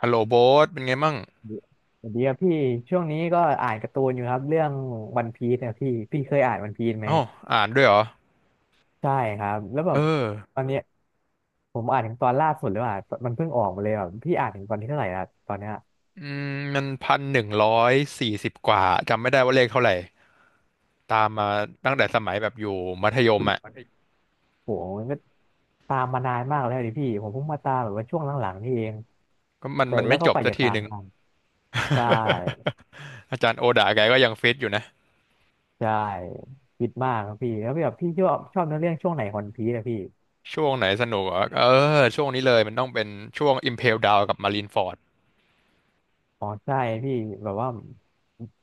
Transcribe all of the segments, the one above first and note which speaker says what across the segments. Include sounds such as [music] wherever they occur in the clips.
Speaker 1: ฮัลโหลโบ๊ทเป็นไงมั่ง
Speaker 2: สวัสดีครับพี่ช่วงนี้ก็อ่านการ์ตูนอยู่ครับเรื่องวันพีซเนี่ยพี่เคยอ่านวันพีซไหม
Speaker 1: อ๋ออ่านด้วยเหรอ
Speaker 2: ใช่ครับแล้วแบ
Speaker 1: เอ
Speaker 2: บ
Speaker 1: อ
Speaker 2: ตอนเนี้ยผมอ่านถึงตอนล่าสุดหรือเปลว่ามันเพิ่งออกมาเลยแบบพี่อ่านถึงตอนที่เท่าไหร่แล้วตอนเนี้ย
Speaker 1: อืมมัน1,140 กว่าจำไม่ได้ว่าเลขเท่าไหร่ตามมาตั้งแต่สมัยแบบอยู่มัธยมอ่ะ
Speaker 2: โหมันก็ตามมานานมากแล้วดิพี่ผมเพิ่งมาตามแบบว่าช่วงหลังๆนี่เอง
Speaker 1: ก็มัน
Speaker 2: กว่า
Speaker 1: มัน
Speaker 2: แล้
Speaker 1: ไม่
Speaker 2: วก็
Speaker 1: จ
Speaker 2: ก
Speaker 1: บ
Speaker 2: ว่า
Speaker 1: สัก
Speaker 2: จะ
Speaker 1: ที
Speaker 2: ตา
Speaker 1: ห
Speaker 2: ม
Speaker 1: นึ่ง
Speaker 2: ทันใช่
Speaker 1: [laughs] อาจารย์โอดาแกก็ยังฟิตอยู่นะ
Speaker 2: ใช่คิดมากครับพี่แล้วแบบพี่ชอบเนื้อเรื่องช่วงไหนของวันพีซอะพี่
Speaker 1: ช่วงไหนสนุกเหรอเออช่วงนี้เลยมันต้องเป็นช่วง Impel Down กับ Marineford
Speaker 2: อ๋อใช่พี่แบบว่า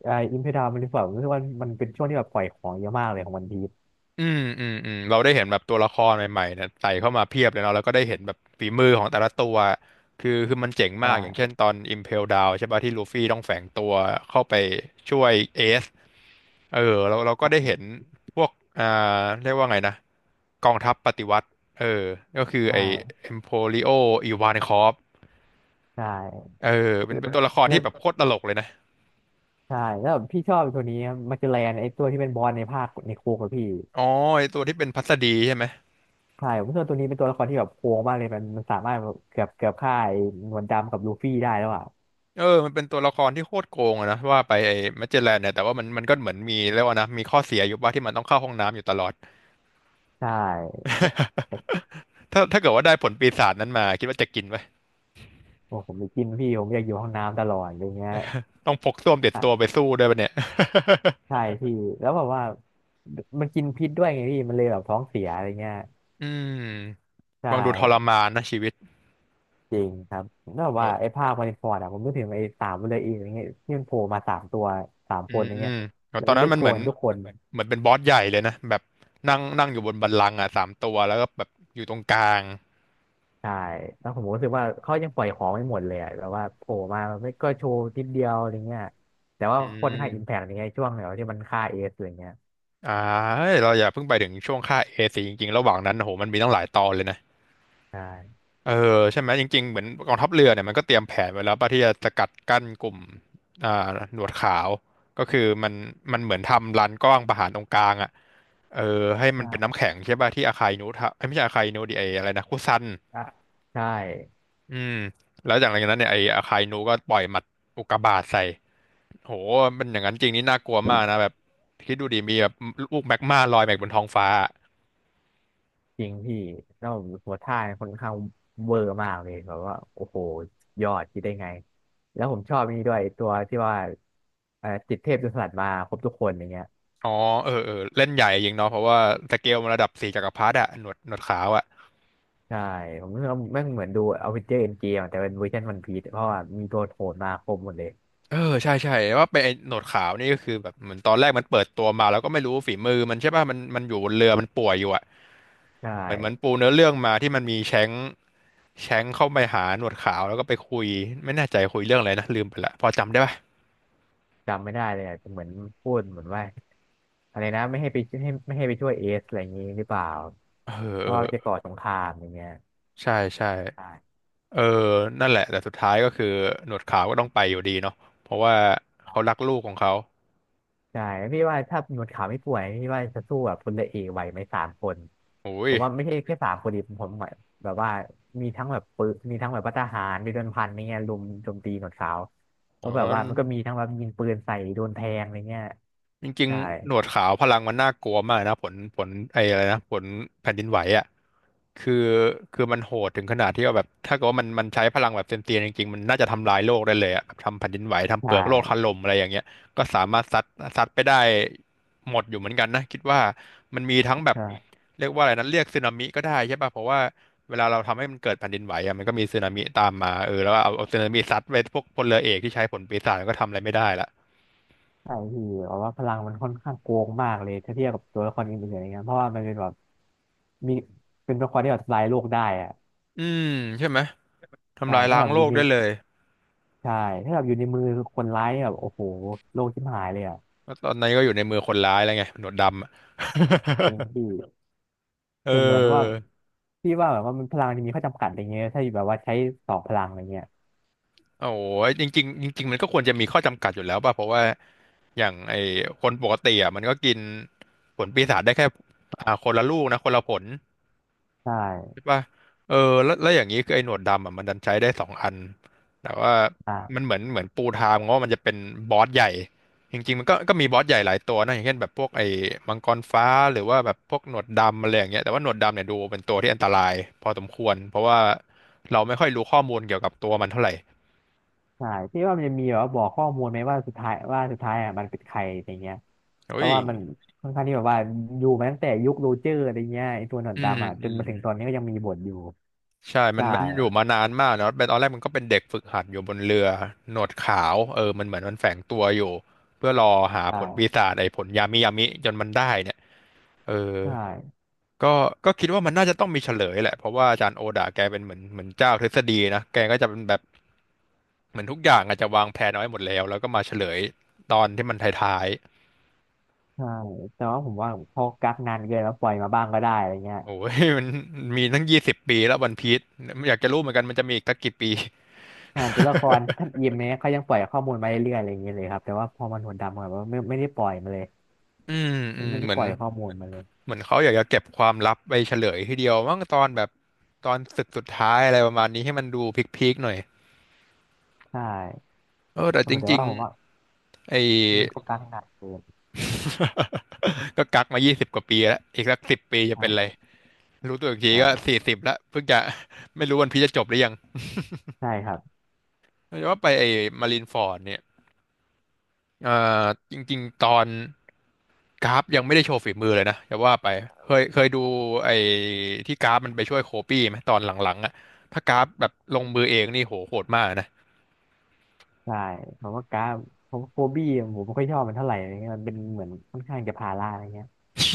Speaker 2: ไอ้อิมเพดามันรู้สึกว่ามันเป็นช่วงที่แบบปล่อยของเยอะมากเลยของวันพีช
Speaker 1: อืมอืมอืมเราได้เห็นแบบตัวละครใหม่ๆเนี่ยใส่เข้ามาเพียบเลยเนาะแล้วก็ได้เห็นแบบฝีมือของแต่ละตัวคือมันเจ๋งมากอย่างเช่น
Speaker 2: ใช่
Speaker 1: ตอน Impel Down ใช่ป่ะที่ลูฟี่ต้องแฝงตัวเข้าไปช่วยเอซเออเราก็ได้เห็นพวกอ่าเรียกว่าไงนะกองทัพปฏิวัติเออก็คือ
Speaker 2: ใ
Speaker 1: ไอ้
Speaker 2: ช่
Speaker 1: Emporio Ivankov
Speaker 2: ใช่
Speaker 1: เออเป็
Speaker 2: แล้
Speaker 1: นเป็นตัว
Speaker 2: ว
Speaker 1: ละครที่แบบโคตรตลกเลยนะ
Speaker 2: ใช่แล้วแบบพี่ชอบตัวนี้มาเจอแลนไอ้ตัวที่เป็นบอสในภาคในโคกับพี่
Speaker 1: อ๋อไอ้ตัวที่เป็นพัสดีใช่ไหม
Speaker 2: ใช่ผมรู้สึกว่าตัวนี้เป็นตัวละครที่แบบโค้งมากเลยมันสามารถแบบเกือบฆ่าไอ้หนวดดำกับลูฟี่ได้แล้วอ่ะ
Speaker 1: เออมันเป็นตัวละครที่โคตรโกงอะนะว่าไปไอ้แมจเจลแลนเนี่ยแต่ว่ามันก็เหมือนมีเรียกว่านะมีข้อเสียอยู่ว่าที่มันต้องเข้าห้องน้ำอยู่ตลอด
Speaker 2: ใช่
Speaker 1: ถ้าเกิดว่าได้ผลปีศาจนั้นมาคิดว่าจะกินไหม
Speaker 2: โอ้ผมไปกินพี่ผมอยากอยู่ห้องน้ำตลอดอะไรเงี้ย
Speaker 1: ต้องพกส้วมติดตัวไป
Speaker 2: ใช่
Speaker 1: สู้ด้วยปะเนี่ย
Speaker 2: ใช่พี่แล้วแบบว่ามันกินพิษด้วยไงพี่มันเลยแบบท้องเสียอะไรเงี้ย
Speaker 1: อืม
Speaker 2: ใช
Speaker 1: ฟังดูทร
Speaker 2: ่
Speaker 1: มานนะชีวิต
Speaker 2: จริงครับแล้วแบบว่า
Speaker 1: โน
Speaker 2: ไอ้ภาคมาริฟอร์ดอะผมนึกถึงไอ้สามเลยอีอย่างเงี้ยที่มันโผล่มาสามตัวสาม
Speaker 1: อื
Speaker 2: คนอย่างเงี้ย
Speaker 1: มโน
Speaker 2: แล้ว
Speaker 1: ตอน
Speaker 2: มัน
Speaker 1: นั้
Speaker 2: ได้
Speaker 1: นมั
Speaker 2: โช
Speaker 1: นเหมื
Speaker 2: ว์
Speaker 1: อน
Speaker 2: กันทุกคน
Speaker 1: เหมือนเป็นบอสใหญ่เลยนะแบบนั่งนั่งอยู่บนบัลลังก์อ่ะสามตัวแล้วก็แบบอยู่ตรงกลาง
Speaker 2: ใช่แล้วผมรู้สึกว่าเขายังปล่อยของไม่หมดเลยอะแบบว่าโผล่มาไม่ก็โชว์นิดเดียวอะไรเงี้ยแต่ว่า
Speaker 1: อื
Speaker 2: คนค่าอิมแพ
Speaker 1: ม
Speaker 2: กอย่างเงี้ยช่วงเดียวที่มันฆ่าเอสอะไรเงี้ย
Speaker 1: อ่าเฮ้ยเราอย่าเพิ่งไปถึงช่วงค่าเอซีจริงๆระหว่างนั้นโอ้โหมันมีตั้งหลายตอนเลยนะ
Speaker 2: ใช่
Speaker 1: เออใช่ไหมจริงๆเหมือนกองทัพเรือเนี่ยมันก็เตรียมแผนไว้แล้วป่ะที่จะสกัดกั้นกลุ่มอ่าหนวดขาวก็คือมันเหมือนทำลานกว้างประหารตรงกลางอ่ะเออให้มันเป็นน้ำแข็งใช่ป่ะที่อาคายนูทะเอ้ยไม่ใช่อาคายนูดิไออะไรนะคุซัน
Speaker 2: ใช่ใช่
Speaker 1: อืมแล้วจากนั้นเนี่ยไออาคายนูก็ปล่อยหมัดอุกกาบาตใส่โหมันอย่างนั้นจริงนี่น่ากลัวมากนะแบบคิดดูดิมีแบบลูกแมกมาลอยมาบนท้องฟ้า
Speaker 2: จริงพี่ แล้วหัวท่าเนี่ยค่อนข้างเวอร์มากเลยแบบว่าโอ้โหยอดคิดได้ไง แล้วผมชอบนี่ด้วยตัวที่ว่าจิตเทพจนสลัดมาครบทุกคนอย่างเงี้ย
Speaker 1: อ๋อเออเออเล่นใหญ่จริงเนาะเพราะว่าสเกลมันระดับสี่จักรพรรดิอะหนวดขาวอะ
Speaker 2: ใช่ผมรู้สึกว่าแม่งเหมือนดูอเวนเจอร์เอ็นเกมแต่เป็นเวอร์ชันวันพีซเพราะว่ามีตัวโหดมาครบหมดเลย
Speaker 1: เออใช่ใช่ว่าเป็นไอ้หนวดขาวนี่ก็คือแบบเหมือนตอนแรกมันเปิดตัวมาแล้วก็ไม่รู้ฝีมือมันใช่ป่ะมันอยู่บนเรือมันป่วยอยู่อ่ะ
Speaker 2: ใช่
Speaker 1: เหมือนเหมือนปูเนื้อเรื่องมาที่มันมีแชงค์แชงค์เข้าไปหาหนวดขาวแล้วก็ไปคุยไม่แน่ใจคุยเรื่องอะไรนะลืมไปละพอจำได้ป่ะ
Speaker 2: จำไม่ได้เลยอะแต่เหมือนพูดเหมือนว่าอะไรนะไม่ให้ไปให้ไม่ให้ไปช่วยเอสอะไรอย่างงี้หรือเปล่า
Speaker 1: เออ
Speaker 2: เพ
Speaker 1: เอ
Speaker 2: ราะว่ามันจะ
Speaker 1: อ
Speaker 2: ก่อสงครามอย่างเงี้ย
Speaker 1: ใช่ใช่
Speaker 2: ใช่
Speaker 1: เออนั่นแหละแต่สุดท้ายก็คือหนวดขาวก็ต้องไปอยู่ดีเนาะเพราะว่าเขารักลูกของเขา
Speaker 2: ใช่พี่ว่าถ้าหนวดขาวไม่ป่วยพี่ว่าจะสู้แบบพลเรือเอกไหวไหมสามคน
Speaker 1: โอ้
Speaker 2: ผ
Speaker 1: ย
Speaker 2: มว่าไม่ใช่แค่สามคนดิผมหมายแบบว่ามีทั้งแบบปืนมีทั้งแบบพหารมีโดนพันอะไรเงี้ยลุมโจมตีหนวดขาวเพ
Speaker 1: โห
Speaker 2: ราะแบบว่ามันก็มีทั้งแบบยิงปืนใส่โดนแทงอะไรเงี้ย
Speaker 1: จริง
Speaker 2: ใช่
Speaker 1: ๆหนวดขาวพลังมันน่ากลัวมากนะผลไอ้อะไรนะผลแผ่นดินไหวอ่ะคือคือมันโหดถึงขนาดที่ว่าแบบถ้าเกิดว่ามันใช้พลังแบบเต็มเตียงจริงๆมันน่าจะทำลายโลกได้เลยอ่ะแบบทำแผ่นดินไหวทำเป
Speaker 2: ใช่
Speaker 1: ลือกโลกถล่มอะไรอย่างเงี้ยก็สามารถซัดซัดไปได้หมดอยู่เหมือนกันนะคิดว่ามันมีทั้งแบบ
Speaker 2: ใช่
Speaker 1: เรียกว่าอะไรนะเรียกสึนามิก็ได้ใช่ป่ะเพราะว่าเวลาเราทำให้มันเกิดแผ่นดินไหวอ่ะมันก็มีสึนามิตามมาเออแล้วก็เอาสึนามิซัดไปพวกพลเรือเอกที่ใช้ผลปีศาจก็ทำอะไรไม่ได้ละ
Speaker 2: ใช่พี่เพราะว่าพลังมันค่อนข้างโกงมากเลยถ้าเทียบกับตัวละครอื่นๆอะไรเงี้ยเพราะว่ามันเป็นแบบมีเป็นตัวละครที่แบบทำลายโลกได้อะ
Speaker 1: อืมใช่ไหม
Speaker 2: ใช่
Speaker 1: ทำลาย
Speaker 2: ถ้า
Speaker 1: ล้า
Speaker 2: แบ
Speaker 1: ง
Speaker 2: บ
Speaker 1: โล
Speaker 2: อยู่
Speaker 1: ก
Speaker 2: ใน
Speaker 1: ได้เลย
Speaker 2: ใช่ถ้าแบบอยู่ในมือคนร้ายเนี่ยแบบโอ้โหโลกชิบหายเลยอะ
Speaker 1: แล้วตอนนี้ก็อยู่ในมือคนร้ายแล้วไงหนวดดำอะ [laughs]
Speaker 2: จริงพี่
Speaker 1: เ
Speaker 2: แต่เหมือนว่า
Speaker 1: ออ
Speaker 2: พี่ว่าแบบว่ามันพลังที่มีข้อจำกัดอะไรเงี้ยถ้าแบบว่าใช้สองพลังอะไรเงี้ย
Speaker 1: โอ้โหจริงๆจริงๆมันก็ควรจะมีข้อจำกัดอยู่แล้วป่ะ เพราะว่าอย่างไอ้คนปกติอ่ะมันก็กินผลปีศาจได้แค่อ่าคนละลูกนะคนละผล
Speaker 2: ใช่
Speaker 1: ใช่ป่ะเออแล้วอย่างนี้คือไอ้หนวดดำอ่ะมันดันใช้ได้สองอันแต่ว่ามัน
Speaker 2: อ่า
Speaker 1: เหมือนปูทางว่ามันจะเป็นบอสใหญ่จริงๆมันก็มีบอสใหญ่หลายตัวนะอย่างเช่นแบบพวกไอ้มังกรฟ้าหรือว่าแบบพวกหนวดดำอะไรอย่างเงี้ยแต่ว่าหนวดดำเนี่ยดูเป็นตัวที่อันตรายพอสมควรเพราะว่าเราไม่ค่อยรู้ข้อมูลเกี่ยวกับตัวมันเท่าไหร่
Speaker 2: ใช่พี่ว่ามันจะมีแบบว่าบอกข้อมูลไหมว่าสุดท้ายว่าสุดท้ายอ่ะมันเป็นใครอะไรเงี้ยเพ
Speaker 1: เฮ้ย
Speaker 2: ราะว่ามันค่อนข้างที่แบบว่าอยู่มาตั้งแต่ยุคโรเจอร์อะไรเงี้ยไอตัวหนอน
Speaker 1: อืม
Speaker 2: ดำอ่ะจ
Speaker 1: อื
Speaker 2: น
Speaker 1: ม
Speaker 2: มาถึงตอนนี้ก็ยังมีบทอยู่
Speaker 1: ใช่มัน
Speaker 2: ใช่
Speaker 1: มันอยู่มานานมากเนาะเป็นตอนแรกมันก็เป็นเด็กฝึกหัดอยู่บนเรือหนวดขาวเออมันเหมือนมันแฝงตัวอยู่เพื่อรอหา
Speaker 2: ใช
Speaker 1: ผลปี
Speaker 2: ่
Speaker 1: ศาจไอ้ผลยามิยามิจนมันได้เนี่ยเออ
Speaker 2: ใช่
Speaker 1: ก็ก็คิดว่ามันน่าจะต้องมีเฉลยแหละเพราะว่าอาจารย์โอดาแกเป็นเหมือนเจ้าทฤษฎีนะ แกก็จะเป็นแบบเหมือนทุกอย่างอาจจะวางแผนเอาไว้หมดแล้วก็มาเฉลยตอนที่มันท้าย
Speaker 2: ใช่แต่ว่าผมว่าพอกักนานเกินแล้วปล่อยมาบ้างก็ได้อะไรเงี้ย
Speaker 1: ๆโอ้ย [laughs] มันมีตั้ง20 ปีแล้ววันพีซอยากจะรู้เหมือนกันมันจะมีอีกสักกี่ปี
Speaker 2: อ่านตัวละครท่านเอ็มเนี่ยเขายังปล่อยข้อมูลมาเรื่อยๆอะไรอย่างเงี้ยเลยครับแต่ว่าพอมันหนวดดำอะแบบว่าไม่ได้ปล่อยมาเลย
Speaker 1: อืมอื
Speaker 2: มัน
Speaker 1: ม
Speaker 2: ไม่ได้
Speaker 1: เหมื
Speaker 2: ป
Speaker 1: อน
Speaker 2: ล่อยข้อมูลมาเลย
Speaker 1: เหมือนเขาอยากจะเก็บความลับไปเฉลยทีเดียวมั้งตอนแบบตอนศึกสุดท้ายอะไรประมาณนี้ให้มันดูพีคๆหน่อย
Speaker 2: ใช่
Speaker 1: เออแต่
Speaker 2: โอ้
Speaker 1: จ
Speaker 2: โหแต่
Speaker 1: ริ
Speaker 2: ว่า
Speaker 1: ง
Speaker 2: ผมว่า
Speaker 1: ๆไอ้
Speaker 2: มันก็การทำงานเกิน
Speaker 1: ก็กักมา20 กว่าปีแล้วอีกสักสิบปีจะเป็นไร
Speaker 2: ใช่
Speaker 1: รู้ตัวอีกทีก็สี่
Speaker 2: ใช่
Speaker 1: สิบแล้วเพิ่งจะ [laughs] ไม่รู้วันพีชจะจบหรือยัง
Speaker 2: ใช่ครับ
Speaker 1: แต่ว่าไปไอ้มารินฟอร์ดเนี่ยเอ่อจริงๆตอนกราฟยังไม่ได้โชว์ฝีมือเลยนะจะว่าไปเคยดูไอ้ที่กราฟมันไปช่วยโคบี้ไหมตอนหลังๆอ่ะถ้ากราฟแบบลงมือเองนี่โหโหดมากนะ
Speaker 2: ใช่ผมว่าการผมว่าโฟบี้ผมไม่ค่อยชอบมันเท่าไหร่อะไรเงี้ยมันเป็นเหมือนค่อนข้างจะภาระอะไรเงี้ย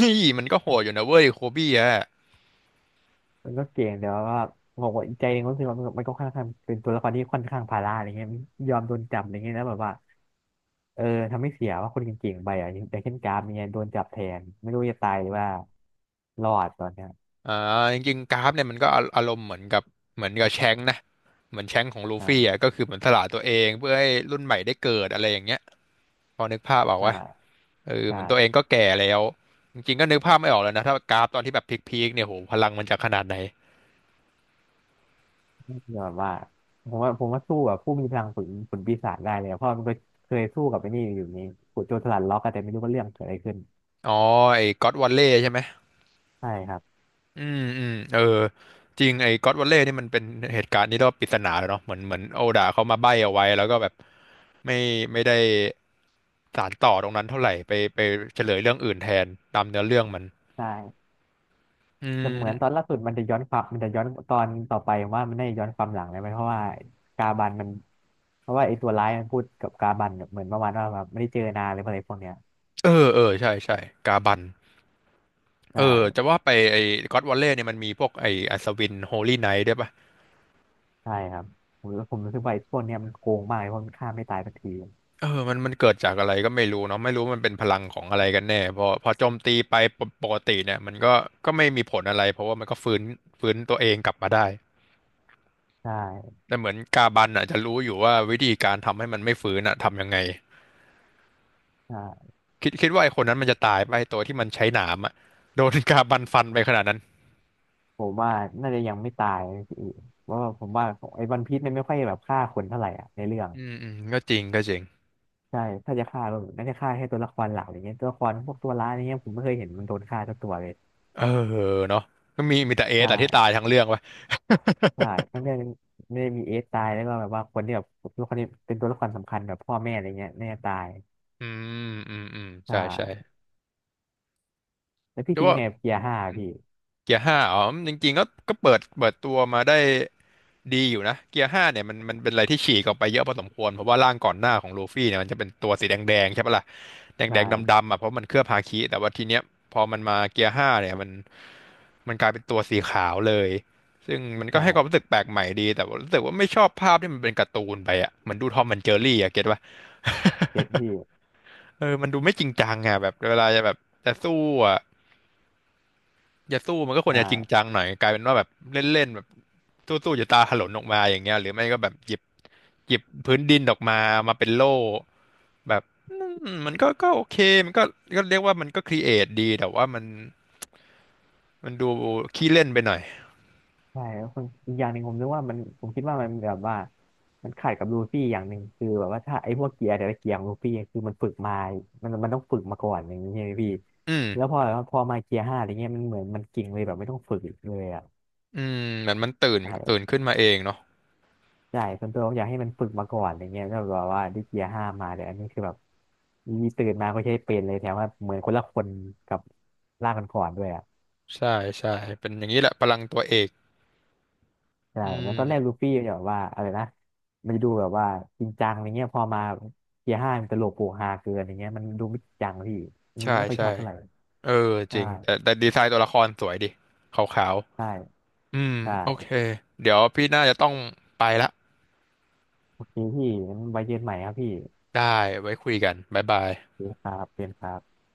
Speaker 1: นี่มันก็โหดอยู่นะเว้ยโคบี้อ่ะ
Speaker 2: มันก็เก่งแต่ว่าผมว่าอีกใจหนึงก็รู้สึกว่ามันก็ค่อนข้างเป็นตัวละครที่ค่อนข้างภาระอะไรเงี้ยยอมโดนจับอะไรเงี้ยแล้วแบบว่าเออทำให้เสียว่าคนเก่งๆไปอ่ะอย่างเช่นกราฟเนี่ยโดนจับแทนไม่รู้จะตายหรือว่ารอดตอนเนี้ย
Speaker 1: อ่าจริงๆกราฟเนี่ยมันก็อารมณ์เหมือนกับแชงค์นะเหมือนแชงค์ของลู
Speaker 2: อ่
Speaker 1: ฟี่อ่ะ
Speaker 2: า
Speaker 1: ก็คือเหมือนสละตัวเองเพื่อให้รุ่นใหม่ได้เกิดอะไรอย่างเงี้ยพอนึกภาพออก
Speaker 2: ใช่
Speaker 1: วะเออเห
Speaker 2: ใช่
Speaker 1: มือนตัวเองก็แก่แล้วจริงๆก็นึกภาพไม่ออกแล้วนะถ้ากราฟตอนที่แบบพีคๆเนี่ยโหพลังมันจะขนาดไหน
Speaker 2: ยอดว่าผมว่าสู้กับผู้มีพลังฝืนปีศาจได้เลยอะเพราะมันก็เคยสู้กับไอ้นี่อยู่นี่ขุดโจรสลัดล็อกอะแต่ไม่รู้ว่าเรื่องเกิดอะไรขึ้น
Speaker 1: อ๋อไอ้ก็อดวัลเล่ใช่ไหม
Speaker 2: ใช่ครับ
Speaker 1: อืมอืมเออจริงไอ้ก็อดวัลเล่นี่มันเป็นเหตุการณ์ที่เรียกว่าปริศนาเลยเนาะเหมือนโอดาเขามาใบ้เอาไว้แล้วก็แบบไม่ไม่ได้ สานต่อตรงนั้นเท่าไหร่ไปเฉลยเรื่องอื่นแทนตามเนื้อเรื่องมัน
Speaker 2: ใช่
Speaker 1: อื
Speaker 2: แต่เหมือนตอน
Speaker 1: ม
Speaker 2: ล่าสุดมันจะย้อนความมันจะย้อนตอนต่อไปผมว่ามันได้ย้อนความหลังเลยไหมเพราะว่ากาบันมันเพราะว่าไอ้ตัวร้ายมันพูดกับกาบันแบบเหมือนประมาณว่าแบบไม่ได้เจอนานหรืออะไรพวกเนี้ย
Speaker 1: เออเออใช่ใช่กาบัน
Speaker 2: ใ
Speaker 1: เออจะ
Speaker 2: ช่
Speaker 1: ว่าไปไอ้ก็ d วอลเลย์เนี่ยมันมีพวกไอ้อัศวินโฮลี่ไนท์ด้วยปะ
Speaker 2: ใช่ครับผมรู้สึกว่าไอ้พวกเนี้ยมันโกงมากเลยเพราะมันฆ่าไม่ตายสักที
Speaker 1: เออมันเกิดจากอะไรก็ไม่รู้เนาะไม่รู้มันเป็นพลังของอะไรกันแน่พอโจมตีไปปกติเนี่ยมันก็ไม่มีผลอะไรเพราะว่ามันก็ฟื้นตัวเองกลับมาได้
Speaker 2: ใช่
Speaker 1: แต่เหมือนกาบันอ่ะจะรู้อยู่ว่าวิธีการทำให้มันไม่ฟื้นอ่ะทำยังไง
Speaker 2: ใช่
Speaker 1: คิดว่าไอ้คนนั้นมันจะตายไปะไอ้ตัวที่มันใช้หนามอ่ะโดนกาบันฟันไปขนาดนั้น
Speaker 2: ผมว่าน่าจะยังไม่ตายนะพี่เพราะว่าผมว่าไอ้วันพีซมันไม่ค่อยแบบฆ่าคนเท่าไหร่อ่ะในเรื่อง
Speaker 1: อืมอืมก็จริงก็จริง
Speaker 2: ใช่ถ้าจะฆ่าก็น่าจะฆ่าแค่ตัวละครหลักอย่างเงี้ยตัวละครพวกตัวร้ายอย่างเงี้ยผมไม่เคยเห็นมันโดนฆ่าสักตัวเลย
Speaker 1: เออเนาะก็มีแต่เอ
Speaker 2: ใช
Speaker 1: สแต่ที่ตาย
Speaker 2: ่
Speaker 1: ทั้งเรื่องวะ
Speaker 2: ใช่ทั้งเรื่องไม่ได้มีเอสตายแล้วก็แบบว่าคนที่แบบตัวละครนี้เป็นตัวละครสำคัญแบบพ่อแม่อะไรเงี้ยน่าจะตาย
Speaker 1: [laughs] อืมอืมอืม
Speaker 2: ใช
Speaker 1: ใช่
Speaker 2: ่
Speaker 1: ใช่
Speaker 2: แล้วพี่
Speaker 1: แต่
Speaker 2: คิดยั
Speaker 1: ว่า
Speaker 2: งไงกับเกียร์ห้าพี่
Speaker 1: เกียร์ห้าอ๋อจริงๆก็เปิดตัวมาได้ ดีอยู่นะเกียร์ห้าเนี่ยมันเป็นอะไรที่ฉีกออกไปเยอะพอสมควรเพราะว่าร่างก่อนหน้าของลูฟี่เนี่ยมันจะเป็นตัวสีแดงๆใช่ปะล่ะแดงๆ
Speaker 2: ใช่
Speaker 1: ดำๆอ่ะเพราะมันเคลือบฮาคิแต่ว่าทีเนี้ยพอมันมาเกียร์ห้าเนี่ยมันกลายเป็นตัวสีขาวเลยซึ่งมันก็
Speaker 2: ใช่
Speaker 1: ให้ความรู้สึกแปลกใหม่ดีแต่ว่ารู้สึกว่าไม่ชอบภาพที่มันเป็นการ์ตูนไปอ่ะเหมือนดูทอมแอนด์เจอรี่อ่ะเก็ตป่ะ
Speaker 2: เจ็ดพี่
Speaker 1: [laughs] เออมันดูไม่จริงจังอ่ะแบบเวลาจะแบบจะสู้อ่ะจะสู้มันก็ควรจะจริง
Speaker 2: ใช่
Speaker 1: จังหน่อยกลายเป็นว่าแบบเล่นๆแบบสู้ๆจะตาถลนออกมาอย่างเงี้ยหรือไม่ก็แบบหยิบพื้นดินออกมามาเป็นโล่แบบอืมมันก็โอเคมันก็เรียกว่ามันก็ครีเอทดีแต่ว่ามันดูขี้เล่นไปหน่อย
Speaker 2: ใช่แล้วคนอีกอย่างหนึ่งผมคิดว่ามันแบบว่ามันขัดกับลูฟี่อย่างหนึ่งคือแบบว่าถ้าไอ้พวกเกียร์แต่ละเกียร์ของลูฟี่คือมันฝึกมามันต้องฝึกมาก่อนอย่างนี้ใช่ไหมพี่
Speaker 1: อืม
Speaker 2: แล้วพอแบบว่าพอมาเกียร์ห้าอะไรเงี้ยมันเหมือนมันเก่งเลยแบบไม่ต้องฝึกอีกเลยอ่ะ
Speaker 1: อืมเหมือนมันตื่น
Speaker 2: ใช่
Speaker 1: ขึ้นมาเองเนาะ
Speaker 2: ใช่ส่วนตัวผมอยากให้มันฝึกมาก่อนอย่างเงี้ยแล้วแบบว่าได้เกียร์ห้ามาแต่อันนี้คือแบบมีตื่นมาก็ใช้เป็นเลยแถมว่าเหมือนคนละคนกับร่างก่อนๆด้วยอ่ะ
Speaker 1: ใช่ใช่เป็นอย่างนี้แหละพลังตัวเอก
Speaker 2: ใช่
Speaker 1: อื
Speaker 2: เหมือน
Speaker 1: ม
Speaker 2: ตอนแรกลูฟี่เนี่ยแบบว่าอะไรนะมันจะดูแบบว่าจริงจังอะไรเงี้ยพอมาเกียร์ห้ามันตลกโปกฮาเกินอย่างเงี้ยมันดูไม่จริงจังพี่ อันนี้
Speaker 1: ใช่
Speaker 2: ไม่ค่อยชอ
Speaker 1: ใช่
Speaker 2: บเท่าไหร่
Speaker 1: เออจ
Speaker 2: ใช่
Speaker 1: ริงแต่ดีไซน์ตัวละครสวยดิขาว
Speaker 2: ใช่
Speaker 1: ๆอืม
Speaker 2: ใช่
Speaker 1: โอเคเดี๋ยวพี่น่าจะต้องไปละ
Speaker 2: โอเคพี่งั้นไว้เจอกันใหม่ครับพี่
Speaker 1: ได้ไว้คุยกันบ๊ายบาย
Speaker 2: โอเคครับเป็นครับ